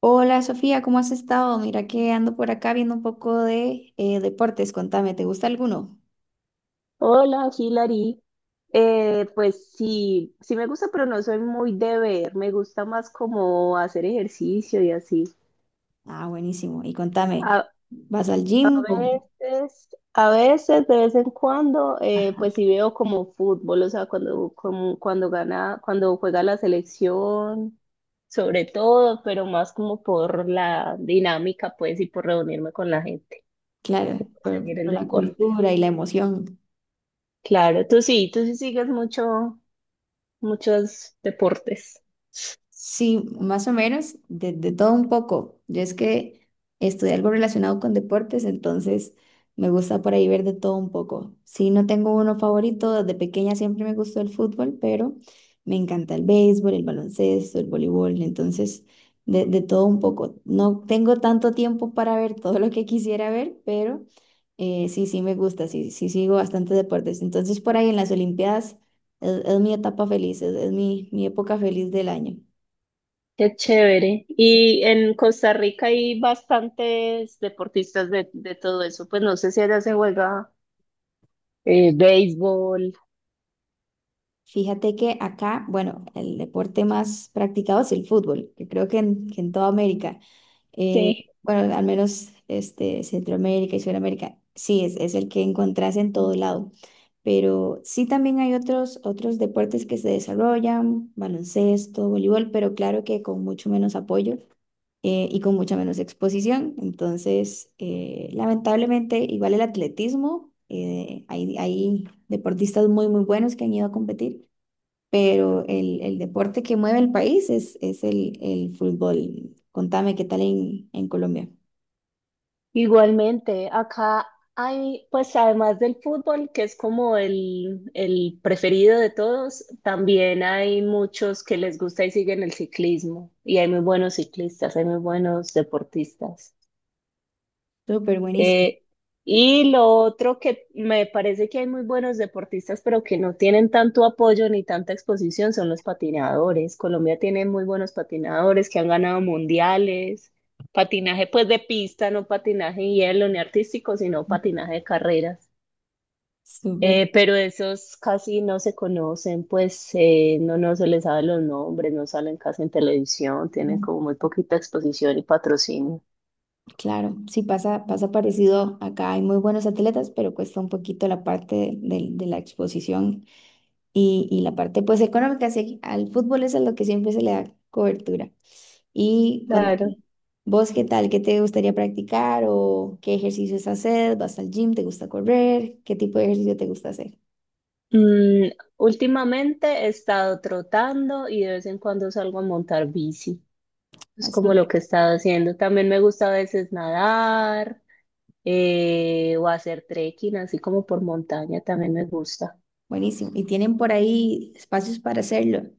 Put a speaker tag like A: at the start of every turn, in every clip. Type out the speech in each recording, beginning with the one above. A: Hola Sofía, ¿cómo has estado? Mira que ando por acá viendo un poco de deportes. Contame, ¿te gusta alguno?
B: Hola, Hilary. Pues sí, me gusta, pero no soy muy de ver. Me gusta más como hacer ejercicio y así.
A: Ah, buenísimo. Y contame,
B: A,
A: ¿vas al
B: a
A: gym o,
B: veces, a veces, de vez en cuando, pues sí veo como fútbol, o sea, cuando, cuando gana, cuando juega la selección, sobre todo, pero más como por la dinámica, pues, y por reunirme con la gente,
A: claro,
B: seguir el
A: por la
B: deporte.
A: cultura y la emoción?
B: Claro, tú sí sigues muchos deportes.
A: Sí, más o menos, de todo un poco. Yo es que estudié algo relacionado con deportes, entonces me gusta por ahí ver de todo un poco. Sí, no tengo uno favorito, desde pequeña siempre me gustó el fútbol, pero me encanta el béisbol, el baloncesto, el voleibol, entonces de todo un poco. No tengo tanto tiempo para ver todo lo que quisiera ver, pero sí, sí me gusta, sí, sí sigo bastante deportes. Entonces por ahí en las Olimpiadas es mi etapa feliz, es mi época feliz del año.
B: Qué chévere. Y en Costa Rica hay bastantes deportistas de todo eso. Pues no sé si allá se juega béisbol.
A: Fíjate que acá, bueno, el deporte más practicado es el fútbol, que creo que que en toda América, eh,
B: Sí,
A: bueno, al menos este, Centroamérica y Sudamérica, sí, es el que encontrás en todo lado. Pero sí también hay otros deportes que se desarrollan, baloncesto, voleibol, pero claro que con mucho menos apoyo y con mucha menos exposición. Entonces, lamentablemente, igual el atletismo, hay deportistas muy, muy buenos que han ido a competir, pero el deporte que mueve el país es el fútbol. Contame qué tal en Colombia.
B: igualmente. Acá hay, pues además del fútbol, que es como el preferido de todos, también hay muchos que les gusta y siguen el ciclismo. Y hay muy buenos ciclistas, hay muy buenos deportistas.
A: Súper buenísimo,
B: Eh, y lo otro que me parece que hay muy buenos deportistas, pero que no tienen tanto apoyo ni tanta exposición, son los patinadores. Colombia tiene muy buenos patinadores que han ganado mundiales. Patinaje pues de pista, no patinaje en hielo ni artístico, sino patinaje de carreras.
A: súper.
B: Pero esos casi no se conocen, pues no se les sabe los nombres, no salen casi en televisión, tienen
A: Mm,
B: como muy poquita exposición y patrocinio.
A: claro, sí, pasa, pasa parecido acá. Hay muy buenos atletas, pero cuesta un poquito la parte de la exposición y la parte pues económica. Sí, al fútbol es a lo que siempre se le da cobertura. Y con
B: Claro.
A: vos, ¿qué tal? ¿Qué te gustaría practicar o qué ejercicios haces? ¿Vas al gym? ¿Te gusta correr? ¿Qué tipo de ejercicio te gusta hacer?
B: Mm, últimamente he estado trotando y de vez en cuando salgo a montar bici. Es como lo que he estado haciendo. También me gusta a veces nadar o hacer trekking, así como por montaña, también me gusta.
A: Buenísimo. Y tienen por ahí espacios para hacerlo.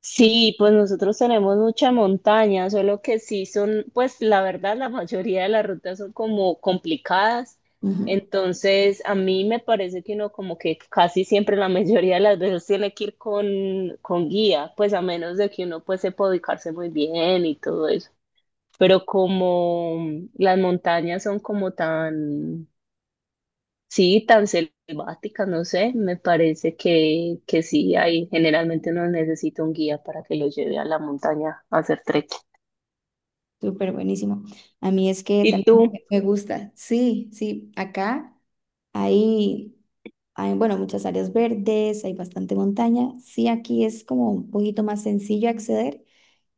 B: Sí, pues nosotros tenemos mucha montaña, solo que sí son, pues la verdad, la mayoría de las rutas son como complicadas.
A: Ujú.
B: Entonces, a mí me parece que uno como que casi siempre la mayoría de las veces tiene que ir con guía, pues a menos de que uno pues sepa ubicarse muy bien y todo eso. Pero como las montañas son como tan sí, tan selváticas, no sé, me parece que sí, ahí generalmente uno necesita un guía para que lo lleve a la montaña a hacer trekking.
A: Súper buenísimo. A mí es que
B: ¿Y
A: también
B: tú?
A: me gusta. Sí, sí, acá hay, bueno, muchas áreas verdes, hay bastante montaña. Sí, aquí es como un poquito más sencillo acceder.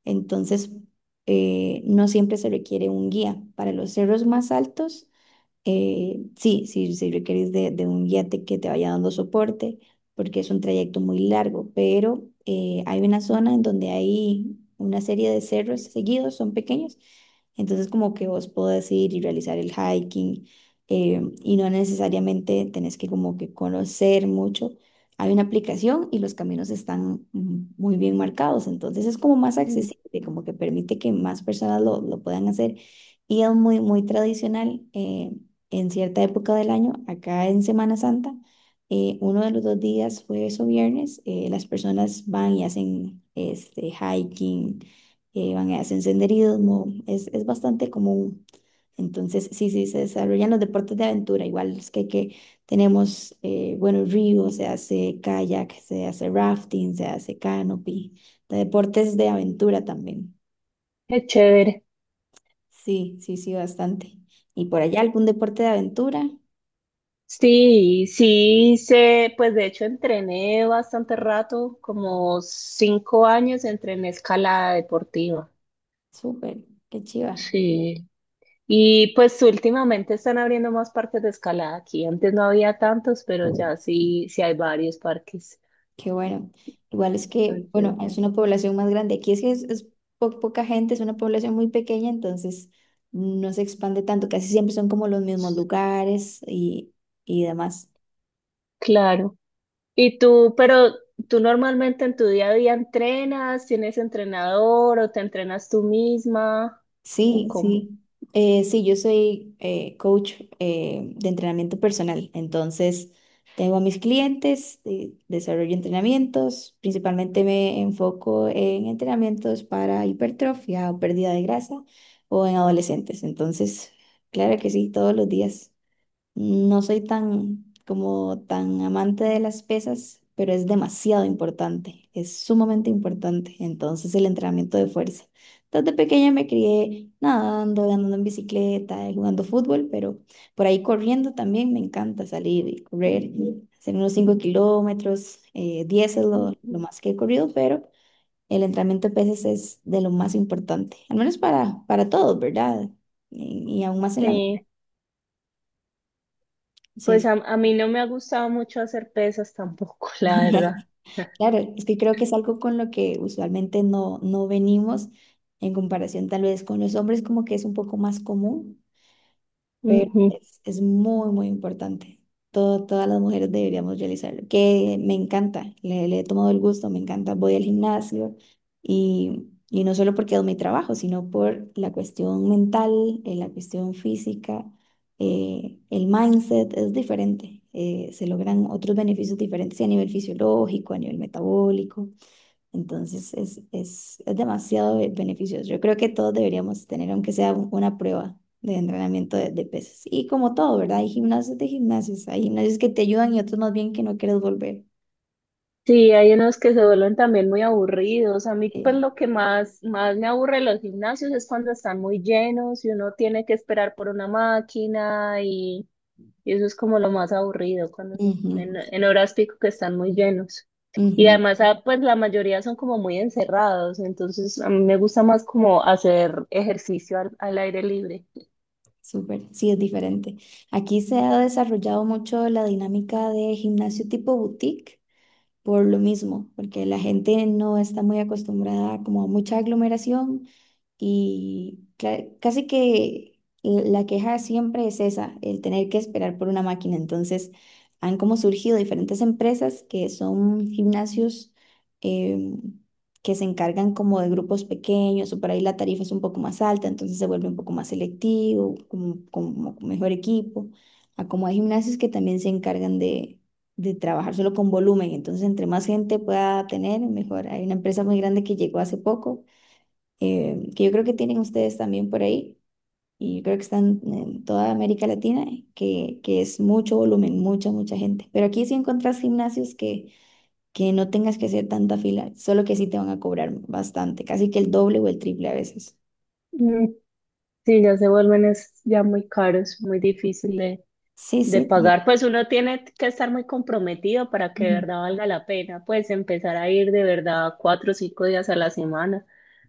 A: Entonces, no siempre se requiere un guía. Para los cerros más altos, sí requerís de un guiate que te vaya dando soporte, porque es un trayecto muy largo, pero hay una zona en donde hay una serie de cerros seguidos, son pequeños, entonces como que vos podés ir y realizar el hiking, y no necesariamente tenés que como que conocer mucho. Hay una aplicación y los caminos están muy bien marcados, entonces es como más
B: Mm.
A: accesible, como que permite que más personas lo puedan hacer. Y es muy, muy tradicional. En cierta época del año, acá en Semana Santa, uno de los dos días, jueves o viernes, las personas van y hacen este, hiking, van y hacen senderismo, es bastante común. Entonces, sí, sí, se desarrollan los deportes de aventura, igual es que tenemos buenos río, se hace kayak, se hace rafting, se hace canopy, de deportes de aventura también.
B: Qué chévere.
A: Sí, sí, sí, bastante. ¿Y por allá algún deporte de aventura?
B: Sí, sí, sé, pues de hecho entrené bastante rato, como 5 años entrené escalada deportiva.
A: Súper, qué chiva,
B: Sí. Y pues últimamente están abriendo más parques de escalada aquí. Antes no había tantos, pero ya sí, sí hay varios parques.
A: qué bueno. Igual es que, bueno,
B: Entonces,
A: es una población más grande. Aquí es que es poca gente, es una población muy pequeña, entonces no se expande tanto. Casi siempre son como los mismos lugares y demás.
B: claro. Y tú, pero tú normalmente en tu día a día entrenas, tienes entrenador o te entrenas tú misma o
A: Sí,
B: cómo.
A: sí. Sí, yo soy coach de entrenamiento personal. Entonces, tengo a mis clientes, desarrollo entrenamientos. Principalmente me enfoco en entrenamientos para hipertrofia o pérdida de grasa o en adolescentes. Entonces, claro que sí, todos los días. No soy tan como tan amante de las pesas, pero es demasiado importante, es sumamente importante. Entonces el entrenamiento de fuerza. Desde pequeña me crié nadando, andando en bicicleta, jugando fútbol, pero por ahí corriendo también me encanta salir y correr, hacer unos 5 kilómetros, 10 es lo
B: Ujú.
A: más que he corrido, pero el entrenamiento de pesas es de lo más importante, al menos para todos, ¿verdad? Y aún más en la...
B: Sí, pues
A: Sí.
B: a mí no me ha gustado mucho hacer pesas tampoco,
A: Sí.
B: la verdad.
A: Claro, es que creo que es algo con lo que usualmente no, no venimos en comparación tal vez con los hombres, como que es un poco más común, pero
B: Ujú.
A: es muy, muy importante. Todas las mujeres deberíamos realizarlo, que me encanta, le he tomado el gusto, me encanta. Voy al gimnasio y no solo porque es mi trabajo, sino por la cuestión mental, la cuestión física, el mindset es diferente. Se logran otros beneficios diferentes a nivel fisiológico, a nivel metabólico. Entonces es demasiado beneficioso. Yo creo que todos deberíamos tener, aunque sea una prueba de entrenamiento de pesas. Y como todo, ¿verdad? Hay gimnasios de gimnasios. Hay gimnasios que te ayudan y otros más bien que no quieres volver.
B: Sí, hay unos que se vuelven también muy aburridos. A mí, pues
A: Eh,
B: lo más me aburre de los gimnasios es cuando están muy llenos y uno tiene que esperar por una máquina. Y eso es como lo más aburrido cuando
A: Ujú,
B: en horas pico que están muy llenos. Y
A: ujú,
B: además, ah, pues la mayoría son como muy encerrados, entonces a mí me gusta más como hacer ejercicio al aire libre.
A: súper. Sí, es diferente. Aquí se ha desarrollado mucho la dinámica de gimnasio tipo boutique por lo mismo, porque la gente no está muy acostumbrada como a mucha aglomeración, y casi que la queja siempre es esa, el tener que esperar por una máquina. Entonces, han como surgido diferentes empresas que son gimnasios, em, que se encargan como de grupos pequeños o por ahí la tarifa es un poco más alta, entonces se vuelve un poco más selectivo, como, como mejor equipo. A como hay gimnasios que también se encargan de trabajar solo con volumen, entonces entre más gente pueda tener, mejor. Hay una empresa muy grande que llegó hace poco, que yo creo que tienen ustedes también por ahí, y yo creo que están en toda América Latina, que es mucho volumen, mucha, mucha gente. Pero aquí sí encontrás gimnasios que no tengas que hacer tanta fila, solo que sí te van a cobrar bastante, casi que el doble o el triple a veces.
B: Mm, sí, ya se vuelven es ya muy caros, muy difícil
A: Sí,
B: de
A: sí, también.
B: pagar. Pues uno tiene que estar muy comprometido para que de
A: Mm.
B: verdad valga la pena, pues empezar a ir de verdad 4 o 5 días a la semana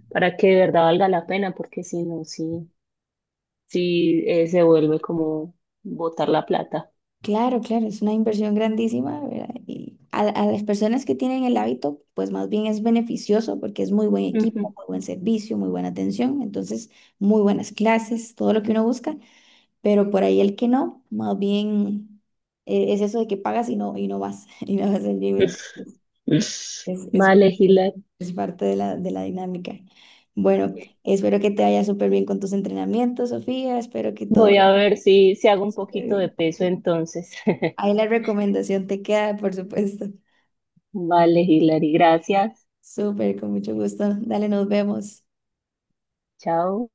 B: para que de verdad valga la pena, porque si no, sí. Sí se vuelve como botar la plata.
A: Claro, claro, es una inversión grandísima, ¿verdad? Y a las personas que tienen el hábito, pues más bien es beneficioso porque es muy buen equipo,
B: Ujú.
A: muy buen servicio, muy buena atención, entonces muy buenas clases, todo lo que uno busca. Pero por ahí el que no, más bien es eso de que pagas y no, y no vas al gym. Entonces, es, es,
B: Vale, Gila.
A: es parte de la dinámica. Bueno, espero que te vaya súper bien con tus entrenamientos, Sofía. Espero que todo
B: Voy
A: vaya
B: a ver si hago un
A: súper
B: poquito de
A: bien.
B: peso entonces.
A: Ahí la recomendación te queda, por supuesto.
B: Vale, Hilary, gracias.
A: Súper, con mucho gusto. Dale, nos vemos.
B: Chao.